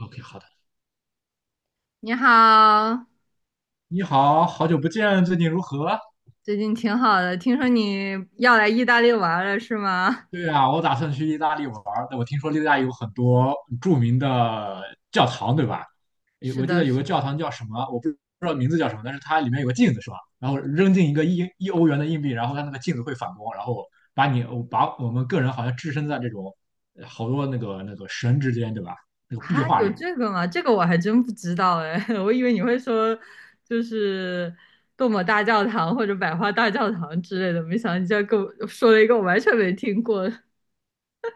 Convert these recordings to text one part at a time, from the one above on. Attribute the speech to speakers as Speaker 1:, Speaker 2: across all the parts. Speaker 1: OK，好的。
Speaker 2: 你好，
Speaker 1: 你好，好久不见，最近如何？
Speaker 2: 最近挺好的，听说你要来意大利玩了是吗？
Speaker 1: 对啊，我打算去意大利玩儿，但我听说意大利有很多著名的教堂，对吧？
Speaker 2: 是
Speaker 1: 我记
Speaker 2: 的，
Speaker 1: 得有个
Speaker 2: 是
Speaker 1: 教
Speaker 2: 的。
Speaker 1: 堂叫什么，我不知道名字叫什么，但是它里面有个镜子，是吧？然后扔进一个一欧元的硬币，然后它那个镜子会反光，然后把我们个人好像置身在这种好多那个神之间，对吧？那个壁
Speaker 2: 啊，
Speaker 1: 画
Speaker 2: 有
Speaker 1: 之
Speaker 2: 这个吗？这个我还真不知道哎，我以为你会说就是杜姆大教堂或者百花大教堂之类的，没想到你竟然跟我说了一个我完全没听过。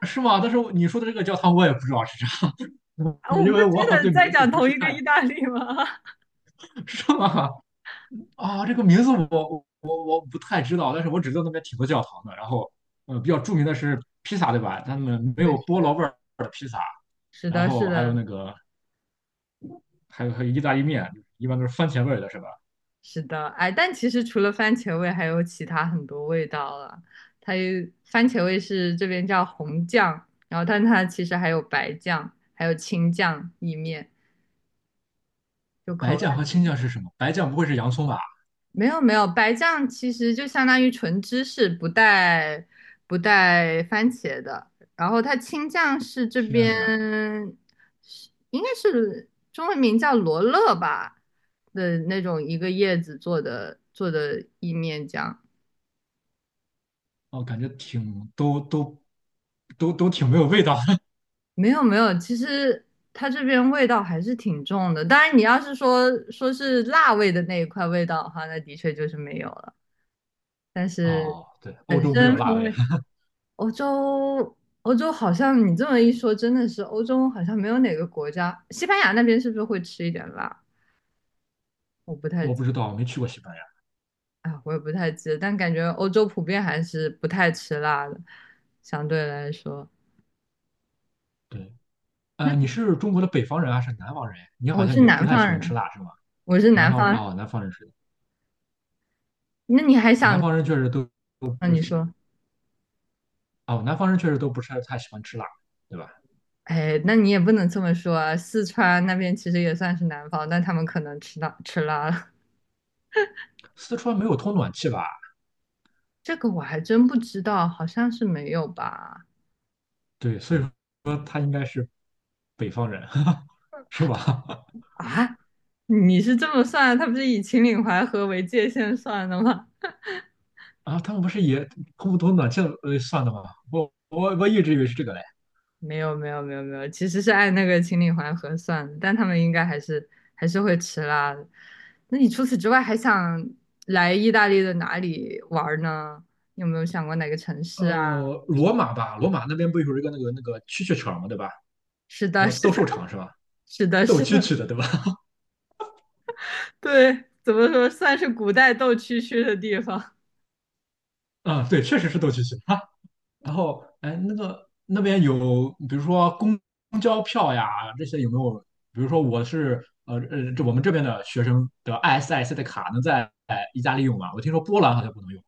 Speaker 1: 是吗？但是你说的这个教堂我也不知道是啥，
Speaker 2: 我
Speaker 1: 因
Speaker 2: 们
Speaker 1: 为我
Speaker 2: 真
Speaker 1: 好
Speaker 2: 的
Speaker 1: 像对
Speaker 2: 在
Speaker 1: 名字
Speaker 2: 讲
Speaker 1: 不
Speaker 2: 同
Speaker 1: 是
Speaker 2: 一个
Speaker 1: 太
Speaker 2: 意大利吗？
Speaker 1: 是吗？啊，这个名字我不太知道，但是我只知道那边挺多教堂的。然后，比较著名的是披萨，对吧？他们 没
Speaker 2: 对，
Speaker 1: 有菠萝味儿的披萨，然后还有
Speaker 2: 是
Speaker 1: 那个，还有意大利面，一般都是番茄味儿的，是吧？
Speaker 2: 是的，哎，但其实除了番茄味，还有其他很多味道了。它有番茄味是这边叫红酱，然后但它其实还有白酱，还有青酱意面，就口
Speaker 1: 白酱
Speaker 2: 味。
Speaker 1: 和青酱是什么？白酱不会是洋葱吧？
Speaker 2: 没有没有，白酱其实就相当于纯芝士，不带番茄的。然后它青酱是这边
Speaker 1: 天呐，
Speaker 2: 是应该是中文名叫罗勒吧的那种一个叶子做的意面酱。
Speaker 1: 哦，感觉挺都挺没有味道的。
Speaker 2: 没有没有，其实它这边味道还是挺重的。当然，你要是说是辣味的那一块味道的话，那的确就是没有了。但 是
Speaker 1: 哦，对，欧洲没
Speaker 2: 真
Speaker 1: 有辣
Speaker 2: 风
Speaker 1: 味，
Speaker 2: 味，欧洲欧洲好像你这么一说，真的是欧洲好像没有哪个国家，西班牙那边是不是会吃一点辣？我不 太
Speaker 1: 我
Speaker 2: 记，
Speaker 1: 不知道，我没去过西班牙。
Speaker 2: 啊，我也不太记得，但感觉欧洲普遍还是不太吃辣的，相对来说。
Speaker 1: 对，
Speaker 2: 那
Speaker 1: 你是中国的北方人还是南方人？你好
Speaker 2: 我
Speaker 1: 像
Speaker 2: 是
Speaker 1: 也不
Speaker 2: 南
Speaker 1: 太喜
Speaker 2: 方
Speaker 1: 欢吃
Speaker 2: 人，
Speaker 1: 辣，是吗？
Speaker 2: 我是
Speaker 1: 南
Speaker 2: 南
Speaker 1: 方人
Speaker 2: 方人。
Speaker 1: 哦，南方人是。
Speaker 2: 那你还
Speaker 1: 南
Speaker 2: 想？
Speaker 1: 方人确实都
Speaker 2: 那
Speaker 1: 不
Speaker 2: 你
Speaker 1: 喜
Speaker 2: 说。
Speaker 1: 哦，南方人确实都不是太喜欢吃辣，对吧？
Speaker 2: 哎，那你也不能这么说啊，四川那边其实也算是南方，但他们可能吃辣了。
Speaker 1: 四川没有通暖气吧？
Speaker 2: 这个我还真不知道，好像是没有吧？
Speaker 1: 对，所以说北方人 是吧？
Speaker 2: 啊，你是这么算？他不是以秦岭淮河为界限算的吗？
Speaker 1: 啊，他们不是也通不通暖气算的吗？我一直以为是这个嘞。
Speaker 2: 没有没有没有没有，其实是按那个秦岭淮河算的，但他们应该还是会吃辣的。那你除此之外还想来意大利的哪里玩儿呢？你有没有想过哪个城市啊？
Speaker 1: 罗马吧，罗马那边不有一个那个蛐蛐场嘛，对吧？
Speaker 2: 是的，
Speaker 1: 叫
Speaker 2: 是
Speaker 1: 斗
Speaker 2: 的，
Speaker 1: 兽场是吧？
Speaker 2: 是的，
Speaker 1: 斗
Speaker 2: 是
Speaker 1: 蛐
Speaker 2: 的。
Speaker 1: 蛐的对吧？
Speaker 2: 对，怎么说算是古代斗蛐蛐的地方？
Speaker 1: 啊、对，确实是斗蛐蛐。然后，哎，那个那边有，比如说公交票呀，这些有没有？比如说我是这我们这边的学生的 ISIC 的卡能在意大利用吗？我听说波兰好像不能用，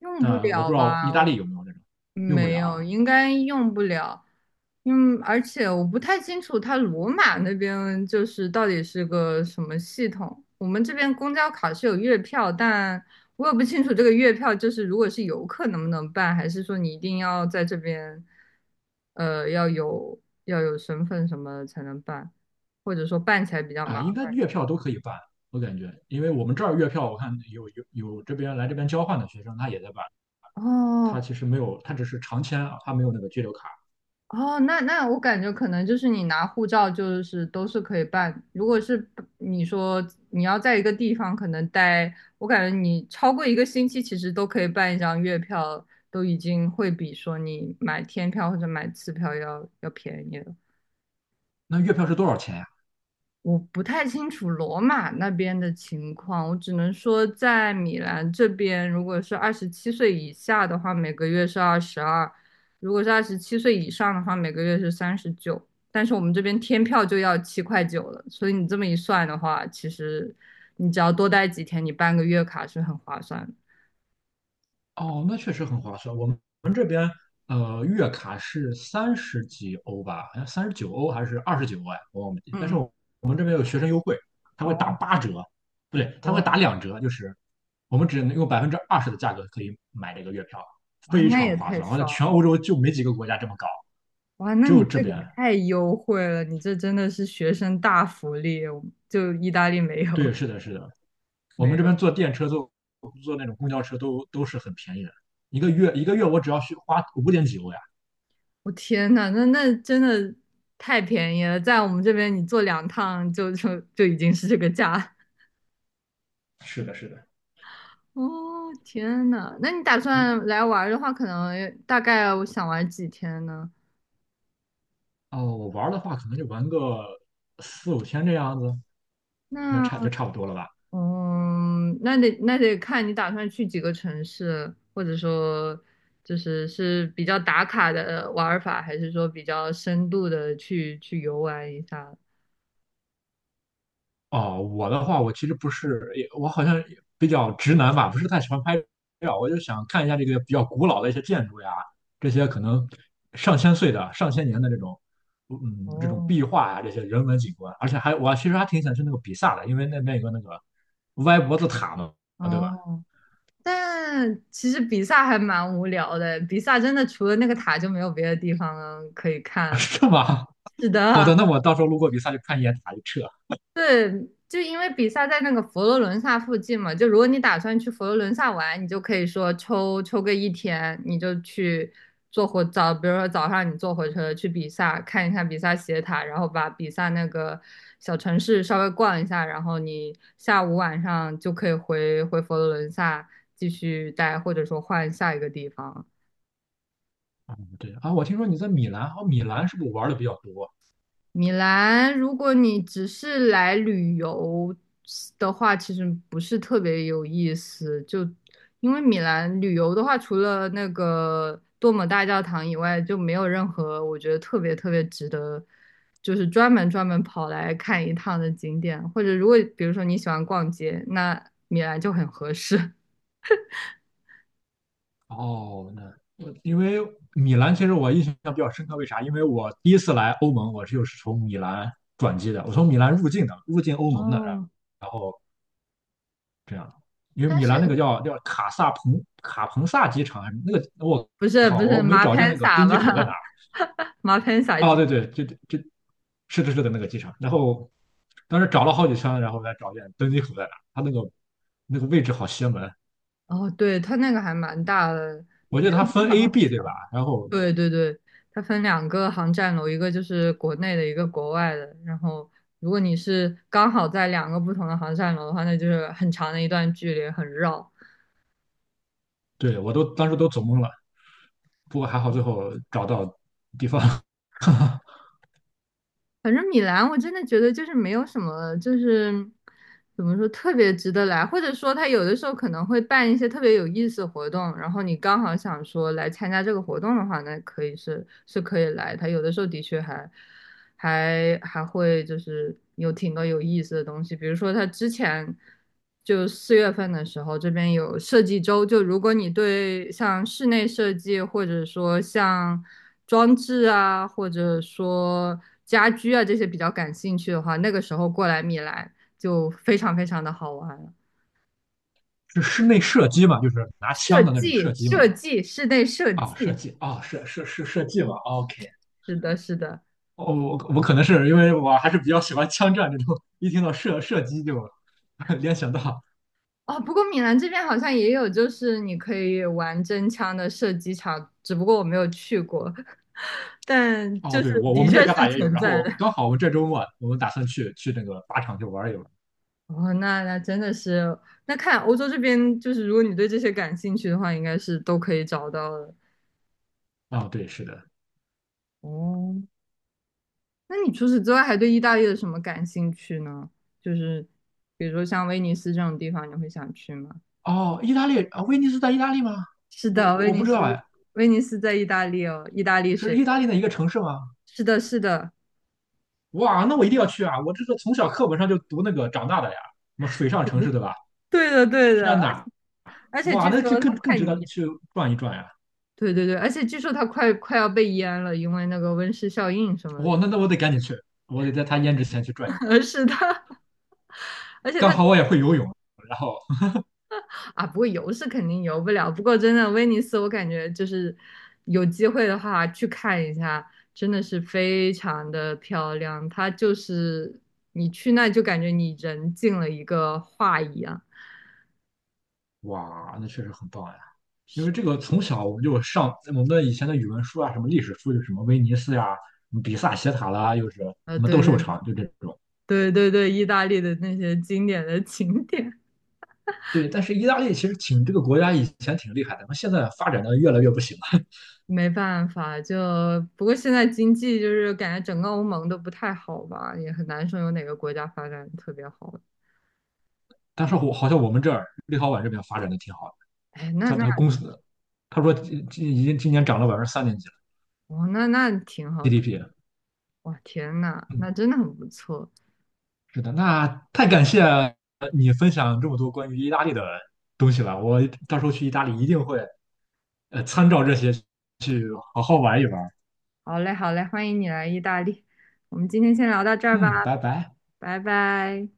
Speaker 2: 用不
Speaker 1: 但我不
Speaker 2: 了
Speaker 1: 知道意
Speaker 2: 吧？
Speaker 1: 大
Speaker 2: 我
Speaker 1: 利有没有这种，用不
Speaker 2: 没
Speaker 1: 了
Speaker 2: 有，
Speaker 1: 啊
Speaker 2: 应该用不了。嗯，而且我不太清楚它罗马那边就是到底是个什么系统。我们这边公交卡是有月票，但我也不清楚这个月票就是如果是游客能不能办，还是说你一定要在这边，要有身份什么才能办，或者说办起来比较
Speaker 1: 啊，
Speaker 2: 麻
Speaker 1: 应该
Speaker 2: 烦。
Speaker 1: 月票都可以办，我感觉，因为我们这儿月票我看有这边来这边交换的学生他也在办，
Speaker 2: 哦，
Speaker 1: 他其实没有，他只是长签啊，他没有那个居留卡。
Speaker 2: 哦，那那我感觉可能就是你拿护照就是都是可以办，如果是不你说你要在一个地方可能待，我感觉你超过一个星期其实都可以办一张月票，都已经会比说你买天票或者买次票要便宜了。
Speaker 1: 那月票是多少钱呀？
Speaker 2: 我不太清楚罗马那边的情况，我只能说在米兰这边，如果是二十七岁以下的话，每个月是22；如果是二十七岁以上的话，每个月是39。但是我们这边天票就要7块9了，所以你这么一算的话，其实你只要多待几天，你办个月卡是很划算的。
Speaker 1: 哦，那确实很划算。我们月卡是三十几欧吧，好像39欧还是29欧呀，我忘记。但是
Speaker 2: 嗯，
Speaker 1: 我有学生优惠，他会打
Speaker 2: 哦
Speaker 1: 八折，不对，他会打
Speaker 2: 哦，
Speaker 1: 两折，就是我们只能用20%的价格可以买这个月票，
Speaker 2: 哇，
Speaker 1: 非
Speaker 2: 那
Speaker 1: 常
Speaker 2: 也
Speaker 1: 划
Speaker 2: 太
Speaker 1: 算。我在
Speaker 2: 爽
Speaker 1: 全
Speaker 2: 了！
Speaker 1: 欧洲就没几个国家这么搞，
Speaker 2: 哇，那
Speaker 1: 只
Speaker 2: 你
Speaker 1: 有这
Speaker 2: 这个
Speaker 1: 边。
Speaker 2: 太优惠了，你这真的是学生大福利，就意大利没
Speaker 1: 对，
Speaker 2: 有。
Speaker 1: 是的，是的，我
Speaker 2: 没
Speaker 1: 们这边
Speaker 2: 有，
Speaker 1: 坐电车、坐那种公交车都是很便宜的，一个月一个月我只要去花五点几欧呀。
Speaker 2: 我天呐，那那真的太便宜了，在我们这边你坐两趟就已经是这个价。
Speaker 1: 是的，是的，
Speaker 2: 哦，天呐，那你打
Speaker 1: 我
Speaker 2: 算来玩的话，可能大概我想玩几天呢？
Speaker 1: 哦，我玩的话可能就玩个四五天这样子。应该
Speaker 2: 那
Speaker 1: 差不多了吧？
Speaker 2: 嗯，那得看你打算去几个城市，或者说就是是比较打卡的玩儿法，还是说比较深度的去游玩一下？
Speaker 1: 哦，我的话，我其实不是，也我好像也比较直男吧，不是太喜欢拍照，我就想看一下这个比较古老的一些建筑呀，这些可能上千岁的、上千年的这种，嗯，这种
Speaker 2: 哦。
Speaker 1: 壁画呀，这些人文景观，而且还我其实还挺想去那个比萨的，因为那边有个那个歪脖子塔嘛，对吧？
Speaker 2: 哦，但其实比萨还蛮无聊的，比萨真的除了那个塔就没有别的地方可以 看。
Speaker 1: 是吗？
Speaker 2: 是
Speaker 1: 好的，
Speaker 2: 的，
Speaker 1: 那我到时候路过比萨就看一眼塔就撤。
Speaker 2: 对，就因为比萨在那个佛罗伦萨附近嘛，就如果你打算去佛罗伦萨玩，你就可以说抽个1天，你就去坐火早，比如说早上你坐火车去比萨看一看比萨斜塔，然后把比萨那个小城市稍微逛一下，然后你下午晚上就可以回佛罗伦萨继续待，或者说换下一个地方。
Speaker 1: 嗯，对啊，我听说你在米兰，哦，米兰是不是玩的比较多？
Speaker 2: 米兰，如果你只是来旅游的话，其实不是特别有意思。就因为米兰旅游的话，除了那个多姆大教堂以外，就没有任何我觉得特别值得，就是专门跑来看一趟的景点。或者如果比如说你喜欢逛街，那米兰就很合适。
Speaker 1: 哦，那我因为米兰其实我印象比较深刻，为啥？因为我第一次来欧盟，我就是从米兰转机的，我从米兰入境的，入境欧盟的，然
Speaker 2: 哦，
Speaker 1: 然后这样，因为
Speaker 2: 但
Speaker 1: 米
Speaker 2: 是
Speaker 1: 兰那个叫卡萨彭卡彭萨机场，那个我
Speaker 2: 不
Speaker 1: 靠，我
Speaker 2: 是
Speaker 1: 没
Speaker 2: 马
Speaker 1: 找见
Speaker 2: 潘
Speaker 1: 那个
Speaker 2: 萨
Speaker 1: 登机
Speaker 2: 吧？
Speaker 1: 口在哪儿。
Speaker 2: 马潘萨
Speaker 1: 哦，
Speaker 2: 基。
Speaker 1: 对对，这是的是的那个机场，然后当时找了好几圈，然后才找见登机口在哪儿，它那个位置好邪门，
Speaker 2: 哦，对，它那个还蛮大的。
Speaker 1: 我记得它分 A、B 对吧？然后
Speaker 2: 对对对，它分两个航站楼，一个就是国内的，一个国外的。然后，如果你是刚好在两个不同的航站楼的话，那就是很长的一段距离，很绕。
Speaker 1: 对我都当时都走懵了。不过还好最后找到地方，
Speaker 2: 反正米兰，我真的觉得就是没有什么，就是怎么说特别值得来，或者说他有的时候可能会办一些特别有意思的活动，然后你刚好想说来参加这个活动的话，那可以可以来。他有的时候的确还会就是有挺多有意思的东西，比如说他之前就4月份的时候，这边有设计周，就如果你对像室内设计或者说像装置啊，或者说家居啊这些比较感兴趣的话，那个时候过来米兰就非常非常的好玩了。
Speaker 1: 是室内射击嘛，就是拿
Speaker 2: 设
Speaker 1: 枪的那种
Speaker 2: 计，
Speaker 1: 射击嘛。
Speaker 2: 设计，室内设
Speaker 1: 啊，射
Speaker 2: 计，
Speaker 1: 击啊，射击嘛。OK,
Speaker 2: 是的，是的。
Speaker 1: 哦，我可能是因为我还是比较喜欢枪战这种，一听到射击就 联想到。
Speaker 2: 哦，不过米兰这边好像也有，就是你可以玩真枪的射击场，只不过我没有去过，但
Speaker 1: 哦，
Speaker 2: 就是
Speaker 1: 对，我我
Speaker 2: 的
Speaker 1: 们这
Speaker 2: 确
Speaker 1: 旮
Speaker 2: 是
Speaker 1: 瘩也有，
Speaker 2: 存
Speaker 1: 然后
Speaker 2: 在的。
Speaker 1: 我 刚好我们这周末啊我们打算去那个靶场去玩一玩。
Speaker 2: 哦，那那真的是，那看欧洲这边，就是如果你对这些感兴趣的话，应该是都可以找到的。
Speaker 1: 啊，对，是的。
Speaker 2: 哦，那你除此之外还对意大利的什么感兴趣呢？就是比如说像威尼斯这种地方，你会想去吗？
Speaker 1: 哦，意大利啊，威尼斯在意大利吗？
Speaker 2: 是
Speaker 1: 我
Speaker 2: 的，
Speaker 1: 我
Speaker 2: 威
Speaker 1: 我
Speaker 2: 尼
Speaker 1: 不知道
Speaker 2: 斯，
Speaker 1: 哎，
Speaker 2: 威尼斯在意大利哦，意大利
Speaker 1: 是
Speaker 2: 水。
Speaker 1: 意大利的一个城市吗？
Speaker 2: 是的，是的，
Speaker 1: 哇，那我一定要去啊！我这个从小课本上就读那个长大的呀，什么水上城市，对吧？
Speaker 2: 对的，对的。
Speaker 1: 天哪，
Speaker 2: 而且
Speaker 1: 哇，
Speaker 2: 据
Speaker 1: 那就
Speaker 2: 说它
Speaker 1: 更
Speaker 2: 快
Speaker 1: 值得
Speaker 2: 淹，
Speaker 1: 去转一转呀！
Speaker 2: 对对对，而且据说它快要被淹了，因为那个温室效应什么的。
Speaker 1: 哇，那我得赶紧去，我得在他淹之前去转一转。
Speaker 2: 是的
Speaker 1: 刚好我也会游泳，然后
Speaker 2: 啊，不过游是肯定游不了。不过真的威尼斯，我感觉就是有机会的话去看一下，真的是非常的漂亮。它就是你去那就感觉你人进了一个画一样。
Speaker 1: 哇，那确实很棒呀！因为这个从小我们就上我们的以前的语文书啊，什么历史书，就什么威尼斯呀、什么比萨斜塔啦，又是什
Speaker 2: 呃，
Speaker 1: 么斗兽场，就这种。
Speaker 2: 对对意大利的那些经典的景点。
Speaker 1: 对，但是意大利其实挺这个国家以前挺厉害的，那现在发展的越来越不行了。
Speaker 2: 没办法，就不过现在经济就是感觉整个欧盟都不太好吧，也很难说有哪个国家发展特别好。
Speaker 1: 但是我好像我们这儿立陶宛这边发展的挺好的，
Speaker 2: 哎，那
Speaker 1: 他
Speaker 2: 那
Speaker 1: 他公司他说今已经今年涨了百分之三点几了
Speaker 2: 哦，那那挺好的，
Speaker 1: GDP,
Speaker 2: 哇，天呐，
Speaker 1: 嗯，
Speaker 2: 那真的很不错。
Speaker 1: 是的，那太感谢你分享这么多关于意大利的东西了，我到时候去意大利一定会参照这些好好玩一玩，
Speaker 2: 好嘞，好嘞，欢迎你来意大利。我们今天先聊到这儿吧，
Speaker 1: 嗯，拜拜。
Speaker 2: 拜拜。